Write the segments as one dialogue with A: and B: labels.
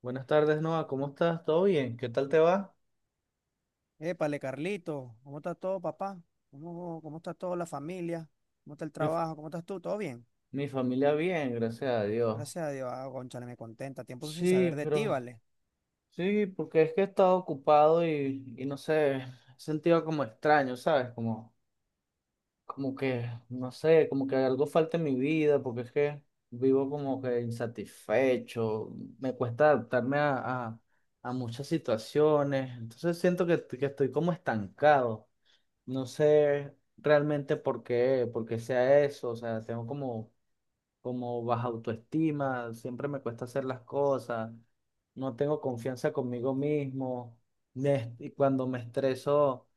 A: Buenas tardes, Noah. ¿Cómo estás? ¿Todo bien? ¿Qué tal te va?
B: Épale, Carlito, ¿cómo está todo, papá? ¿Cómo está toda la familia? ¿Cómo está el
A: Mi, f-
B: trabajo? ¿Cómo estás tú? ¿Todo bien?
A: Mi familia bien, gracias a Dios.
B: Gracias a Dios. Ah, cónchale, me contenta. Tiempo sin saber
A: Sí,
B: de ti,
A: pero
B: ¿vale?
A: sí, porque es que he estado ocupado y no sé, he sentido como extraño, ¿sabes? Como, como que, no sé, como que algo falta en mi vida, porque es que vivo como que insatisfecho, me cuesta adaptarme a muchas situaciones, entonces siento que estoy como estancado. No sé realmente por qué sea eso, o sea, tengo como, como baja autoestima, siempre me cuesta hacer las cosas, no tengo confianza conmigo mismo, y cuando me estreso,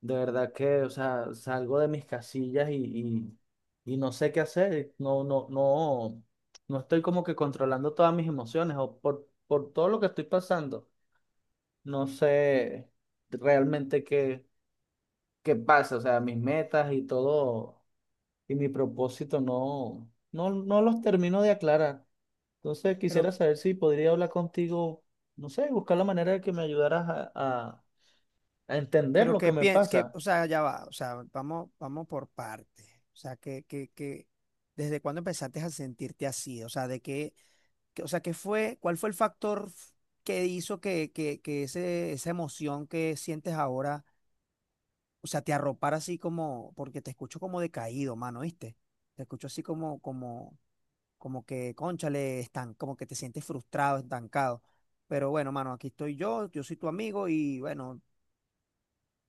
A: de verdad que, o sea, salgo de mis casillas y no sé qué hacer, no, no, no, no estoy como que controlando todas mis emociones o por todo lo que estoy pasando, no sé realmente qué. ¿Qué pasa? O sea, mis metas y todo y mi propósito no los termino de aclarar. Entonces
B: Pero,
A: quisiera saber si podría hablar contigo, no sé, buscar la manera de que me ayudaras a entender
B: pero
A: lo que
B: ¿qué
A: me
B: piensas? Que,
A: pasa.
B: o sea, ya va. O sea, vamos, vamos por partes. O sea, ¿desde cuándo empezaste a sentirte así? O sea, ¿de qué, o sea, qué fue, cuál fue el factor que hizo que, que esa emoción que sientes ahora? O sea, te arropar así como, porque te escucho como decaído, mano, ¿viste? Te escucho así como que, cónchale, están, como que te sientes frustrado, estancado. Pero bueno, mano, aquí estoy yo soy tu amigo y bueno,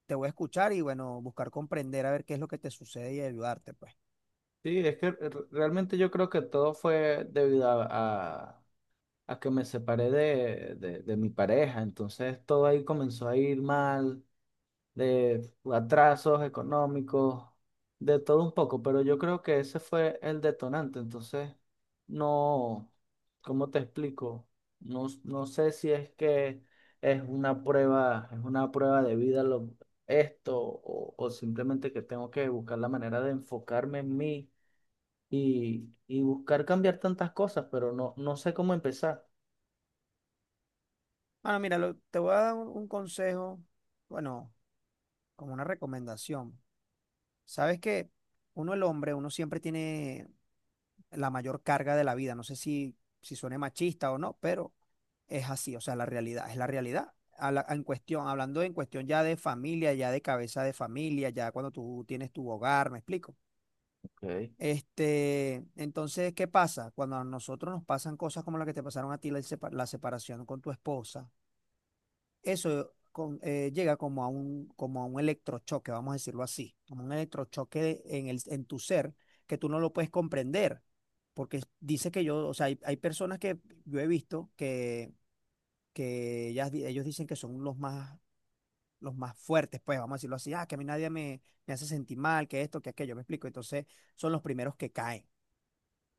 B: te voy a escuchar y bueno, buscar comprender a ver qué es lo que te sucede y ayudarte, pues.
A: Sí, es que realmente yo creo que todo fue debido a, a- a que me separé de, de mi pareja. Entonces todo ahí comenzó a ir mal, de atrasos económicos, de todo un poco, pero yo creo que ese fue el detonante, entonces no, ¿cómo te explico? No, no sé si es que es una prueba de vida lo, esto o simplemente que tengo que buscar la manera de enfocarme en mí y buscar cambiar tantas cosas, pero no, no sé cómo empezar.
B: Mano, mira, te voy a dar un consejo, bueno, como una recomendación. Sabes que uno, el hombre, uno siempre tiene la mayor carga de la vida. No sé si suene machista o no, pero es así, o sea, la realidad, es la realidad. En cuestión, hablando en cuestión ya de familia, ya de cabeza de familia, ya cuando tú tienes tu hogar, ¿me explico?
A: Ok.
B: Este, entonces, ¿qué pasa? Cuando a nosotros nos pasan cosas como la que te pasaron a ti, la separación con tu esposa, eso llega como a un, electrochoque, vamos a decirlo así, como un electrochoque en tu ser que tú no lo puedes comprender, porque dice que yo, o sea, hay personas que yo he visto que, ellos dicen que son los más fuertes, pues vamos a decirlo así, que a mí nadie me hace sentir mal, que esto, que aquello, me explico, entonces son los primeros que caen.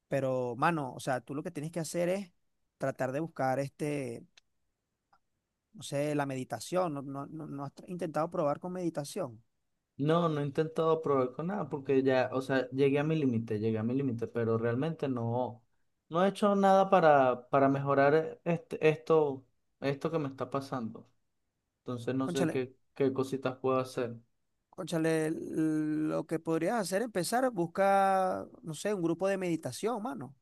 B: Pero, mano, o sea, tú lo que tienes que hacer es tratar de buscar este no sé, la meditación, no has intentado probar con meditación.
A: No, no he intentado probar con nada porque ya, o sea, llegué a mi límite, llegué a mi límite, pero realmente no, no he hecho nada para, para mejorar este, esto que me está pasando. Entonces no sé
B: Cónchale,
A: qué, qué cositas puedo hacer.
B: cónchale, lo que podrías hacer es empezar, busca, no sé, un grupo de meditación, mano,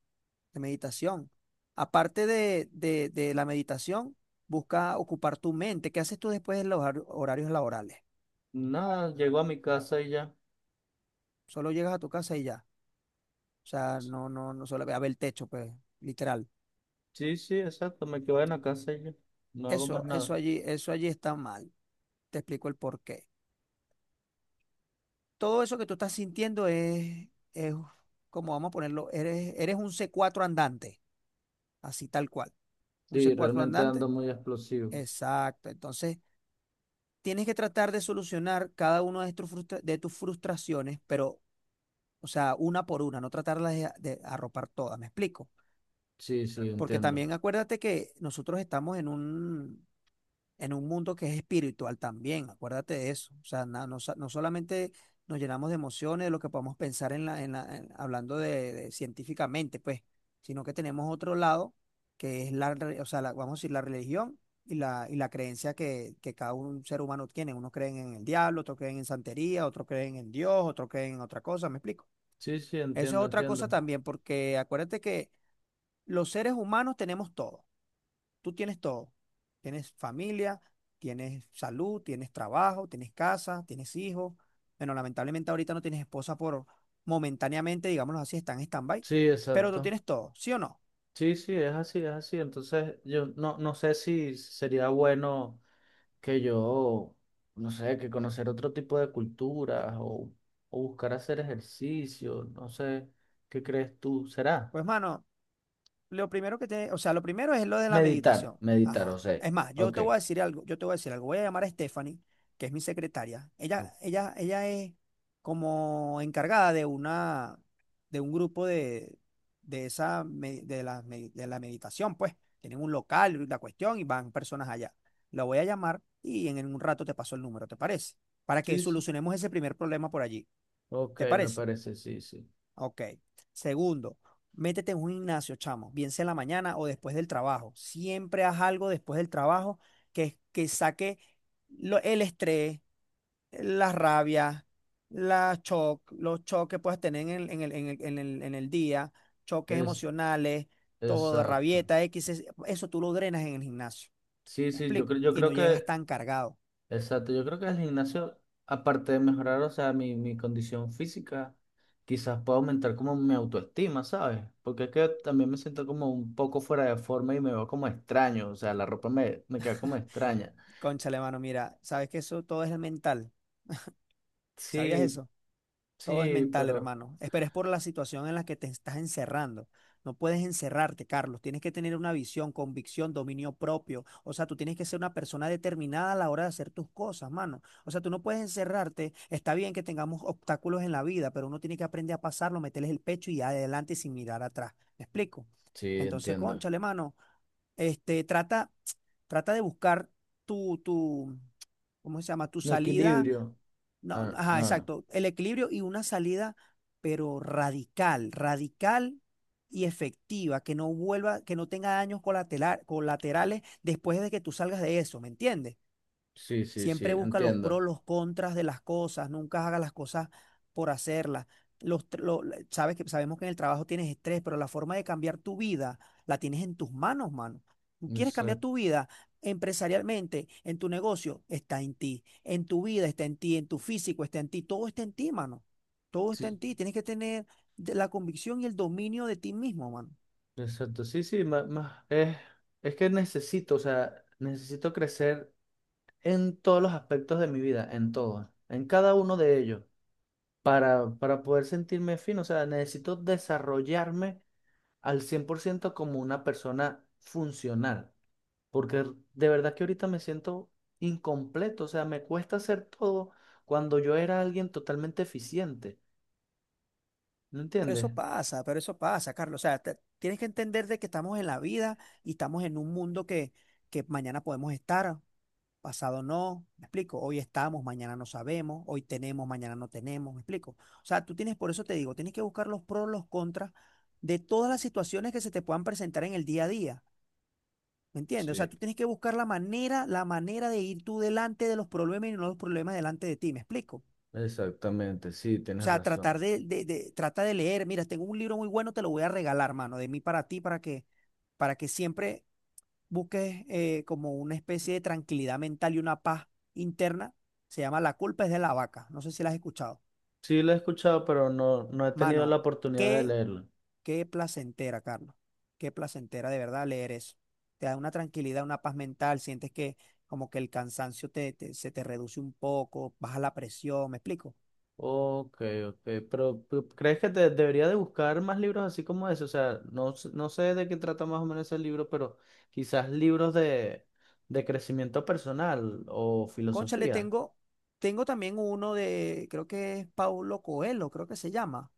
B: de meditación. Aparte de, de la meditación, busca ocupar tu mente. ¿Qué haces tú después de los horarios laborales?
A: Nada, llego a mi casa y ya.
B: Solo llegas a tu casa y ya. O sea, no solo a ver el techo, pues, literal.
A: Sí, sí, exacto, me quedo en la casa y ya. No hago más
B: Eso,
A: nada.
B: eso allí, eso allí está mal. Te explico el porqué. Todo eso que tú estás sintiendo es, como vamos a ponerlo, eres un c cuatro andante, así tal cual. Un c
A: Sí,
B: cuatro
A: realmente
B: andante,
A: ando muy explosivo.
B: exacto. Entonces, tienes que tratar de solucionar cada una de, de tus frustraciones, pero, o sea, una por una, no tratarlas de, arropar todas, ¿me explico?
A: Sí, sí,
B: Porque
A: entiendo.
B: también acuérdate que nosotros estamos en un mundo que es espiritual también, acuérdate de eso. O sea, no solamente nos llenamos de emociones, de lo que podemos pensar hablando de científicamente, pues, sino que tenemos otro lado, que es o sea, vamos a decir, la religión y la, creencia que cada un ser humano tiene. Unos creen en el diablo, otros creen en santería, otros creen en Dios, otros creen en otra cosa, ¿me explico?
A: Sí, sí,
B: Eso es
A: entiendo,
B: otra cosa
A: entiendo.
B: también, porque acuérdate que los seres humanos tenemos todo. Tú tienes todo. Tienes familia, tienes salud, tienes trabajo, tienes casa, tienes hijos. Bueno, lamentablemente ahorita no tienes esposa por momentáneamente, digámoslo así, está en stand-by.
A: Sí,
B: Pero tú
A: exacto.
B: tienes todo, ¿sí o no?
A: Sí, sí, es así, es así. Entonces, yo no, no sé si sería bueno que yo, no sé, que conocer otro tipo de culturas o buscar hacer ejercicio, no sé, ¿qué crees tú? ¿Será?
B: Pues, mano, lo primero que te, o sea, lo primero es lo de la
A: Meditar,
B: meditación.
A: meditar, o
B: Ajá.
A: sea,
B: Es más, yo
A: ok.
B: te voy a decir algo, yo te voy a decir algo. Voy a llamar a Stephanie, que es mi secretaria. Ella es como encargada de un grupo de esa, me- de la meditación, pues. Tienen un local, la cuestión, y van personas allá. La voy a llamar y en un rato te paso el número, ¿te parece? Para que
A: Sí, sí.
B: solucionemos ese primer problema por allí.
A: Ok,
B: ¿Te
A: me
B: parece?
A: parece, sí, sí.
B: Ok. Segundo, métete en un gimnasio, chamo, bien sea en la mañana o después del trabajo. Siempre haz algo después del trabajo que saque el estrés, la rabia, los choques que puedas tener en el, en el día, choques
A: Es
B: emocionales, todo,
A: exacto.
B: rabieta, X, eso tú lo drenas en el gimnasio.
A: Sí,
B: ¿Me
A: sí, yo,
B: explico?
A: yo
B: Y
A: creo
B: no llegas
A: que
B: tan cargado.
A: exacto, yo creo que el gimnasio, aparte de mejorar, o sea, mi condición física, quizás pueda aumentar como mi autoestima, ¿sabes? Porque es que también me siento como un poco fuera de forma y me veo como extraño, o sea, la ropa me, me queda como extraña.
B: Cónchale, mano, mira, sabes que eso todo es mental. ¿Sabías
A: Sí,
B: eso? Todo es
A: sí,
B: mental,
A: pero
B: hermano. Pero es por la situación en la que te estás encerrando. No puedes encerrarte, Carlos. Tienes que tener una visión, convicción, dominio propio. O sea, tú tienes que ser una persona determinada a la hora de hacer tus cosas, mano. O sea, tú no puedes encerrarte. Está bien que tengamos obstáculos en la vida, pero uno tiene que aprender a pasarlo, meterles el pecho y adelante sin mirar atrás. ¿Me explico?
A: sí,
B: Entonces,
A: entiendo.
B: cónchale, mano. Este, trata de buscar tu, tu, ¿cómo se llama? Tu
A: Mi
B: salida
A: equilibrio.
B: no,
A: Ah,
B: no, ajá,
A: no, no.
B: exacto. El equilibrio y una salida, pero radical, radical y efectiva, que no vuelva, que no tenga daños colaterales después de que tú salgas de eso, ¿me entiendes?
A: Sí, sí, sí,
B: Siempre busca los pros,
A: entiendo.
B: los contras de las cosas, nunca haga las cosas por hacerlas. Los, tr- lo- la- Sabes que sabemos que en el trabajo tienes estrés, pero la forma de cambiar tu vida la tienes en tus manos, mano. Tú quieres cambiar tu
A: Exacto,
B: vida empresarialmente, en tu negocio, está en ti. En tu vida está en ti, en tu físico está en ti, todo está en ti, mano. Todo está
A: sí,
B: en ti. Tienes que tener la convicción y el dominio de ti mismo, mano.
A: exacto. Sí, sí, es que necesito, o sea, necesito crecer en todos los aspectos de mi vida, en todos, en cada uno de ellos, para poder sentirme fino. O sea, necesito desarrollarme al 100% como una persona funcional, porque de verdad que ahorita me siento incompleto, o sea, me cuesta hacer todo cuando yo era alguien totalmente eficiente, ¿me entiendes?
B: Pero eso pasa, Carlos. O sea, tienes que entender de que estamos en la vida y estamos en un mundo que, mañana podemos estar, pasado no. ¿Me explico? Hoy estamos, mañana no sabemos, hoy tenemos, mañana no tenemos. ¿Me explico? O sea, tú tienes, por eso te digo, tienes que buscar los pros, los contras de todas las situaciones que se te puedan presentar en el día a día. ¿Me entiendes? O sea,
A: Sí,
B: tú tienes que buscar la manera de ir tú delante de los problemas y no los problemas delante de ti. ¿Me explico?
A: exactamente, sí,
B: O
A: tienes
B: sea,
A: razón.
B: tratar de, trata de leer. Mira, tengo un libro muy bueno, te lo voy a regalar, mano, de mí para ti, para que, siempre busques como una especie de tranquilidad mental y una paz interna. Se llama La culpa es de la vaca. No sé si la has escuchado.
A: Sí, lo he escuchado, pero no, no he tenido la
B: Mano,
A: oportunidad de
B: qué,
A: leerlo.
B: qué placentera, Carlos. Qué placentera de verdad leer eso. Te da una tranquilidad, una paz mental. Sientes que como que el cansancio te, se te reduce un poco, baja la presión. ¿Me explico?
A: Ok, ok, pero ¿crees que te debería de buscar más libros así como ese? O sea, no, no sé de qué trata más o menos ese libro, pero quizás libros de crecimiento personal o
B: Cónchale,
A: filosofía.
B: tengo también uno de, creo que es Paulo Coelho, creo que se llama,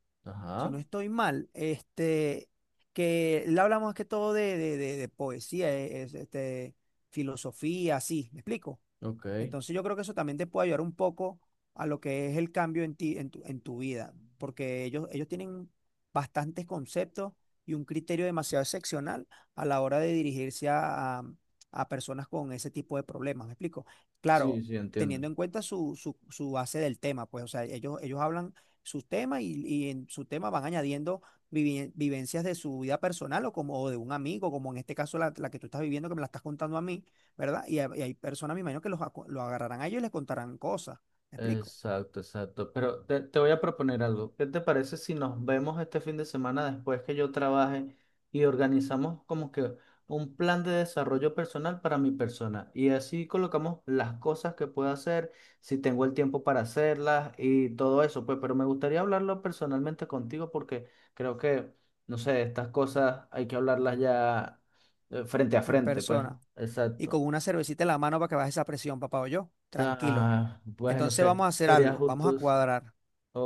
B: si no
A: Ajá,
B: estoy mal, este, que le hablamos más que todo de, de poesía, filosofía, así, ¿me explico?
A: ok.
B: Entonces yo creo que eso también te puede ayudar un poco a lo que es el cambio en ti, en tu, vida, porque ellos tienen bastantes conceptos y un criterio demasiado excepcional a la hora de dirigirse a, a personas con ese tipo de problemas, ¿me explico?
A: Sí,
B: Claro,
A: sí, entiendo.
B: teniendo en cuenta su, base del tema, pues, o sea, ellos, hablan sus temas y en su tema van añadiendo vivencias de su vida personal o como o de un amigo, como en este caso la, que tú estás viviendo, que me la estás contando a mí, ¿verdad? y hay personas, me imagino que lo agarrarán a ellos y les contarán cosas, ¿me explico?
A: Exacto, exacto. Pero te voy a proponer algo. ¿Qué te parece si nos vemos este fin de semana después que yo trabaje y organizamos como que un plan de desarrollo personal para mi persona? Y así colocamos las cosas que puedo hacer, si tengo el tiempo para hacerlas y todo eso. Pues, pero me gustaría hablarlo personalmente contigo porque creo que, no sé, estas cosas hay que hablarlas ya, frente a
B: En
A: frente, pues.
B: persona. Y con
A: Exacto.
B: una cervecita en la mano para que baje esa presión, papá o yo, tranquilo.
A: Ah, pues no
B: Entonces
A: sé,
B: vamos a hacer
A: sería
B: algo, vamos a
A: justo.
B: cuadrar,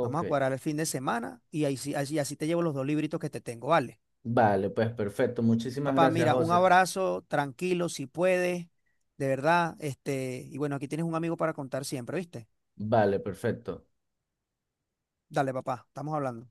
B: vamos a cuadrar el fin de semana y así te llevo los dos libritos que te tengo, ¿vale?
A: Vale, pues perfecto. Muchísimas
B: Papá,
A: gracias,
B: mira, un
A: José.
B: abrazo, tranquilo, si puedes, de verdad, este, y bueno, aquí tienes un amigo para contar siempre, ¿viste?
A: Vale, perfecto.
B: Dale, papá, estamos hablando.